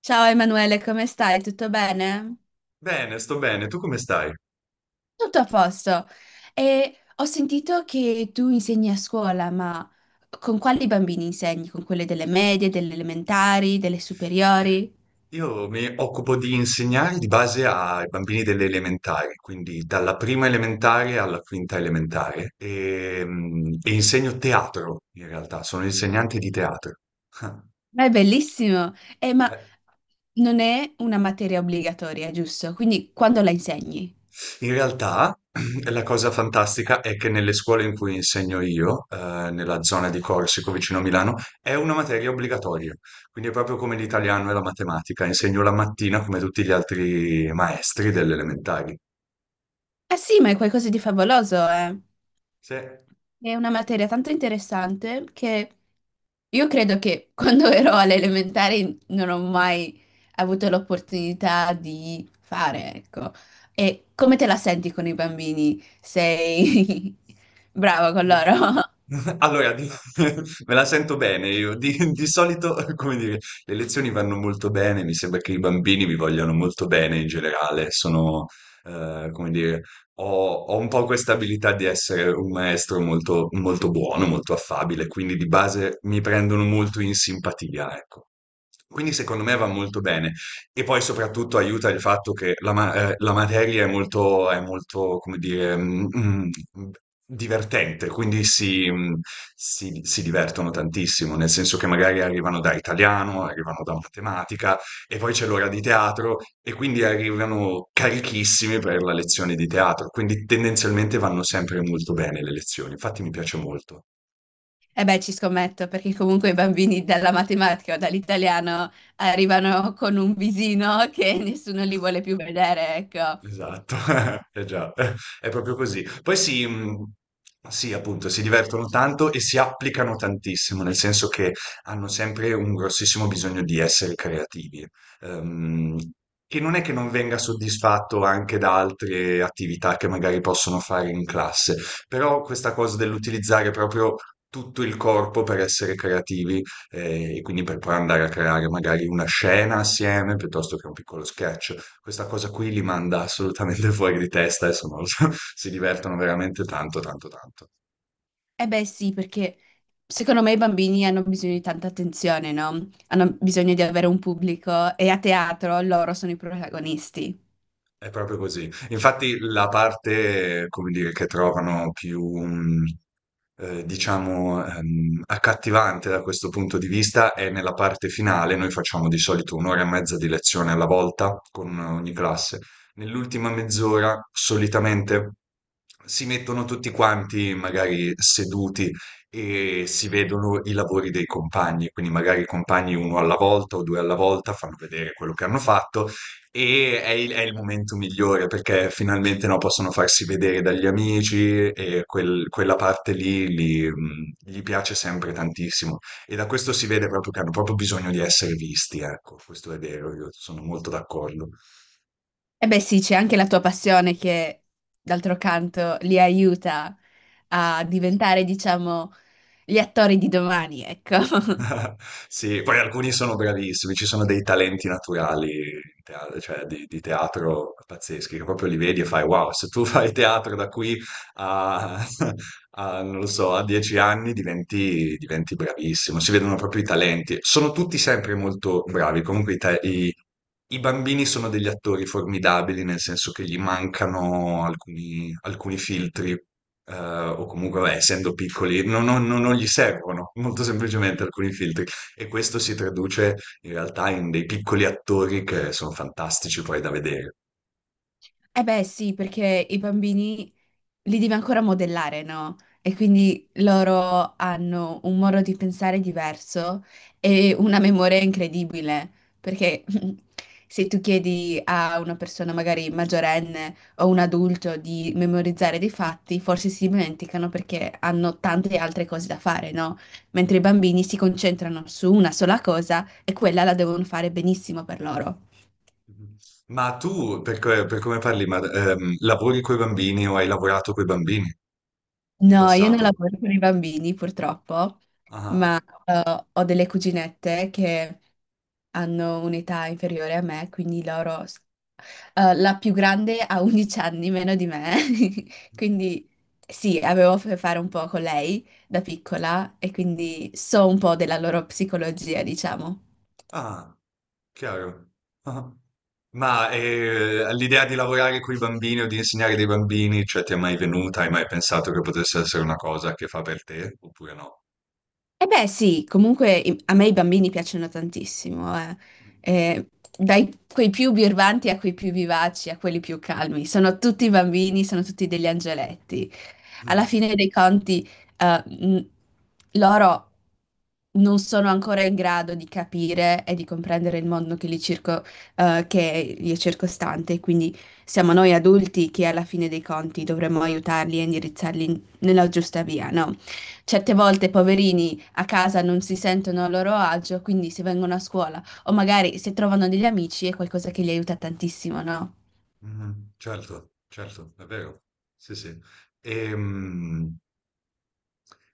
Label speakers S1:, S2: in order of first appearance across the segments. S1: Ciao Emanuele, come stai? Tutto bene?
S2: Bene, sto bene. Tu come stai?
S1: Tutto a posto. E ho sentito che tu insegni a scuola, ma con quali bambini insegni? Con quelle delle medie, delle elementari, delle superiori?
S2: Io mi occupo di insegnare di base ai bambini delle elementari, quindi dalla prima elementare alla quinta elementare, e insegno teatro in realtà, sono insegnante di teatro.
S1: Ma è bellissimo! Ma
S2: Eh,
S1: non è una materia obbligatoria, giusto? Quindi quando la insegni?
S2: In realtà la cosa fantastica è che nelle scuole in cui insegno io, nella zona di Corsico vicino a Milano, è una materia obbligatoria, quindi è proprio come l'italiano e la matematica, insegno la mattina come tutti gli altri maestri delle elementari.
S1: Ah sì, ma è qualcosa di favoloso, eh?
S2: Se
S1: È una materia tanto interessante che io credo che quando ero alle elementari non ho mai avuto l'opportunità di fare, ecco. E come te la senti con i bambini? Sei brava con loro?
S2: allora di me la sento bene io. Di solito, come dire, le lezioni vanno molto bene, mi sembra che i bambini mi vogliano molto bene in generale. Sono, come dire, ho un po' questa abilità di essere un maestro molto molto buono, molto affabile, quindi di base mi prendono molto in simpatia, ecco. Quindi secondo me va molto bene. E poi soprattutto aiuta il fatto che la, la materia è molto, come dire, divertente, quindi si, si divertono tantissimo, nel senso che magari arrivano da italiano, arrivano da matematica e poi c'è l'ora di teatro e quindi arrivano carichissimi per la lezione di teatro, quindi tendenzialmente vanno sempre molto bene le lezioni, infatti mi piace molto.
S1: E beh, ci scommetto, perché comunque i bambini dalla matematica o dall'italiano arrivano con un visino che nessuno li vuole più vedere, ecco.
S2: Esatto, eh già, è proprio così. Poi si, mhmm, sì, appunto, si divertono tanto e si applicano tantissimo, nel senso che hanno sempre un grossissimo bisogno di essere creativi, ehm, che non è che non venga soddisfatto anche da altre attività che magari possono fare in classe, però questa cosa dell'utilizzare proprio tutto il corpo per essere creativi, e quindi per poi andare a creare magari una scena assieme, piuttosto che un piccolo sketch, questa cosa qui li manda assolutamente fuori di testa, adesso non lo so, si divertono veramente tanto, tanto, tanto.
S1: Eh beh sì, perché secondo me i bambini hanno bisogno di tanta attenzione, no? Hanno bisogno di avere un pubblico e a teatro loro sono i protagonisti.
S2: È proprio così. Infatti la parte, come dire, che trovano più, diciamo, accattivante da questo punto di vista è nella parte finale. Noi facciamo di solito un'ora e mezza di lezione alla volta con ogni classe. Nell'ultima mezz'ora solitamente si mettono tutti quanti magari seduti e si vedono i lavori dei compagni, quindi magari i compagni uno alla volta o due alla volta fanno vedere quello che hanno fatto e è il momento migliore perché finalmente no, possono farsi vedere dagli amici e quella parte lì gli piace sempre tantissimo. E da questo si vede proprio che hanno proprio bisogno di essere visti, ecco, questo è vero, io sono molto d'accordo.
S1: Eh beh sì, c'è anche la tua passione che, d'altro canto, li aiuta a diventare, diciamo, gli attori di domani, ecco.
S2: Sì, poi alcuni sono bravissimi, ci sono dei talenti naturali cioè di teatro pazzeschi, che proprio li vedi e fai wow, se tu fai teatro da qui a, a, non lo so, a 10 anni diventi, diventi bravissimo, si vedono proprio i talenti. Sono tutti sempre molto bravi, comunque i bambini sono degli attori formidabili, nel senso che gli mancano alcuni, alcuni filtri, o comunque, vabbè, essendo piccoli, non gli servono molto semplicemente alcuni filtri. E questo si traduce in realtà in dei piccoli attori che sono fantastici poi da vedere.
S1: Eh beh sì, perché i bambini li devi ancora modellare, no? E quindi loro hanno un modo di pensare diverso e una memoria incredibile, perché se tu chiedi a una persona magari maggiorenne o un adulto di memorizzare dei fatti, forse si dimenticano perché hanno tante altre cose da fare, no? Mentre i bambini si concentrano su una sola cosa e quella la devono fare benissimo per loro.
S2: Ma tu, per come parli, lavori coi bambini o hai lavorato coi bambini in
S1: No, io non
S2: passato?
S1: lavoro con i bambini purtroppo,
S2: Ah,
S1: ma ho delle cuginette che hanno un'età inferiore a me, quindi loro... la più grande ha 11 anni meno di me, quindi sì, avevo a che fare un po' con lei da piccola e quindi so un po' della loro psicologia, diciamo.
S2: ah. Chiaro. Ah. Ma l'idea di lavorare con i bambini o di insegnare dei bambini, cioè ti è mai venuta? Hai mai pensato che potesse essere una cosa che fa per te oppure no?
S1: Eh beh, sì, comunque i- a me i bambini piacciono tantissimo, eh. Eh, dai quei più birbanti a quei più vivaci, a quelli più calmi. Sono tutti bambini, sono tutti degli angeletti. Alla
S2: Mm,
S1: fine dei conti, eh, mh, loro non sono ancora in grado di capire e di comprendere il mondo che li circo- che li è circostante, quindi siamo noi adulti che alla fine dei conti dovremmo aiutarli e indirizzarli in- nella giusta via, no? Certe volte, poverini a casa non si sentono a loro agio, quindi se vengono a scuola o magari se trovano degli amici è qualcosa che li aiuta tantissimo, no?
S2: mm, Certo, certo, è vero. Sì, sì. Ehm,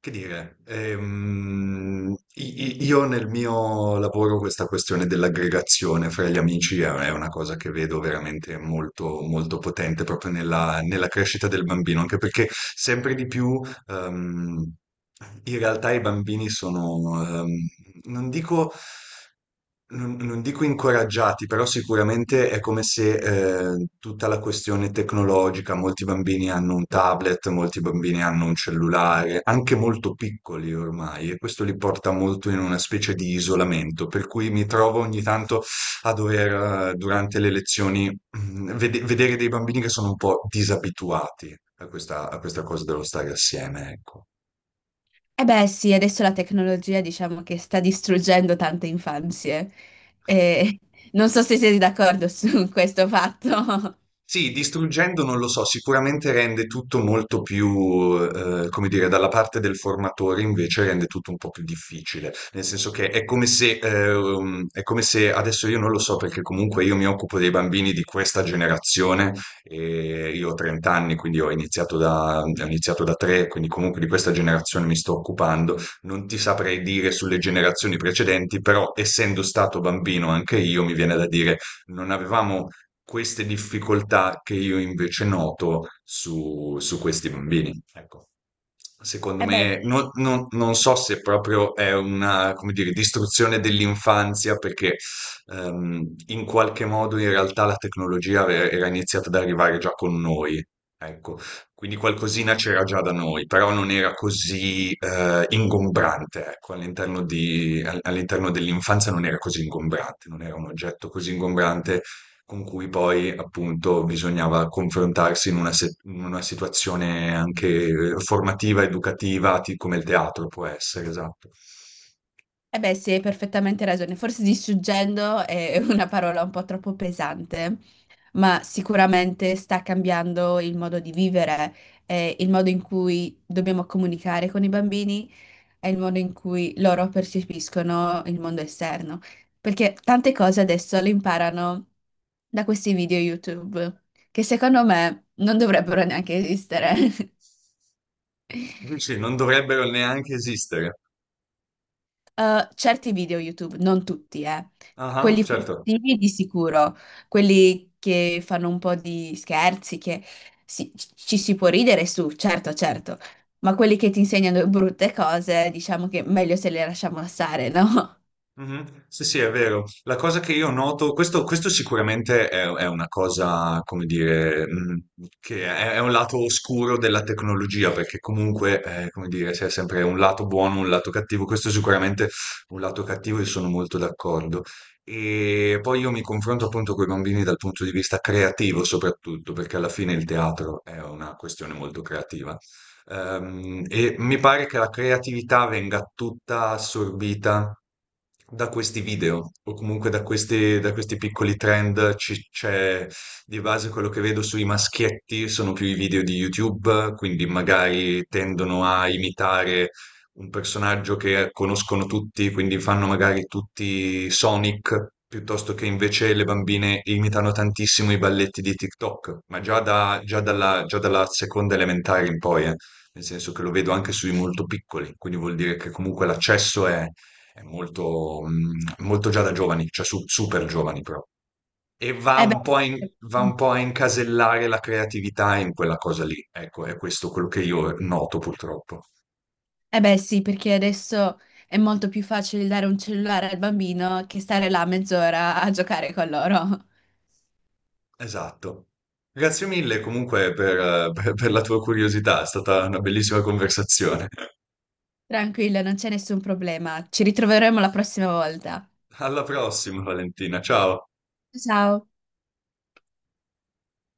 S2: Che dire, io nel mio lavoro questa questione dell'aggregazione fra gli amici è una cosa che vedo veramente molto, molto potente proprio nella, nella crescita del bambino, anche perché sempre di più, ehm, in realtà i bambini sono, non dico non dico incoraggiati, però sicuramente è come se tutta la questione tecnologica, molti bambini hanno un tablet, molti bambini hanno un cellulare, anche molto piccoli ormai, e questo li porta molto in una specie di isolamento, per cui mi trovo ogni tanto a dover, durante le lezioni, vedere dei bambini che sono un po' disabituati a questa cosa dello stare assieme, ecco.
S1: E beh sì, adesso la tecnologia diciamo che sta distruggendo tante infanzie. E non so se siete d'accordo su questo fatto.
S2: Sì, distruggendo non lo so, sicuramente rende tutto molto più, come dire, dalla parte del formatore invece rende tutto un po' più difficile, nel senso che è come se, è come se adesso io non lo so perché comunque io mi occupo dei bambini di questa generazione, e io ho 30 anni, quindi ho iniziato da 3, quindi comunque di questa generazione mi sto occupando, non ti saprei dire sulle generazioni precedenti, però essendo stato bambino anche io mi viene da dire non avevamo queste difficoltà che io invece noto su, su questi bambini. Ecco. Secondo
S1: Eh beh,
S2: me,
S1: sì.
S2: non so se proprio è una, come dire, distruzione dell'infanzia, perché in qualche modo in realtà la tecnologia era iniziata ad arrivare già con noi. Ecco, quindi qualcosina c'era già da noi, però non era così ingombrante, ecco, all'interno dell'infanzia non era così ingombrante, non era un oggetto così ingombrante con cui poi appunto bisognava confrontarsi in una, in una situazione anche formativa, educativa, come il teatro può essere, esatto.
S1: Eh beh, sì, hai perfettamente ragione. Forse distruggendo è una parola un po' troppo pesante, ma sicuramente sta cambiando il modo di vivere, il modo in cui dobbiamo comunicare con i bambini, è il modo in cui loro percepiscono il mondo esterno, perché tante cose adesso le imparano da questi video YouTube, che secondo me non dovrebbero neanche esistere.
S2: Sì, non dovrebbero neanche esistere.
S1: Certi video YouTube, non tutti, eh.
S2: Ah,
S1: Quelli
S2: certo.
S1: furtivi di sicuro, quelli che fanno un po' di scherzi, che si- ci si può ridere su, certo, certo, ma quelli che ti insegnano brutte cose, diciamo che meglio se le lasciamo stare, no?
S2: Mhm. Sì, sì, è vero. La cosa che io noto, questo sicuramente è una cosa, come dire, che è un lato oscuro della tecnologia, perché comunque, come dire, c'è sempre un lato buono, un lato cattivo. Questo è sicuramente è un lato cattivo e sono molto d'accordo. E poi io mi confronto appunto con i bambini dal punto di vista creativo, soprattutto, perché alla fine il teatro è una questione molto creativa. E mi pare che la creatività venga tutta assorbita da questi video o comunque da questi piccoli trend. C'è di base quello che vedo sui maschietti, sono più i video di YouTube, quindi magari tendono a imitare un personaggio che conoscono tutti, quindi fanno magari tutti Sonic. Piuttosto che invece le bambine imitano tantissimo i balletti di TikTok, ma già dalla seconda elementare in poi, nel senso che lo vedo anche sui molto piccoli, quindi vuol dire che comunque l'accesso è molto, molto già da giovani, cioè super giovani però. E
S1: Eh beh,
S2: va un po' a incasellare la creatività in quella cosa lì. Ecco, è questo quello che io noto purtroppo.
S1: eh beh sì, perché adesso è molto più facile dare un cellulare al bambino che stare là mezz'ora a giocare con loro.
S2: Esatto. Grazie mille comunque per, per la tua curiosità, è stata una bellissima conversazione.
S1: Tranquilla, non c'è nessun problema. Ci ritroveremo la prossima volta.
S2: Alla prossima, Valentina. Ciao.
S1: Ciao.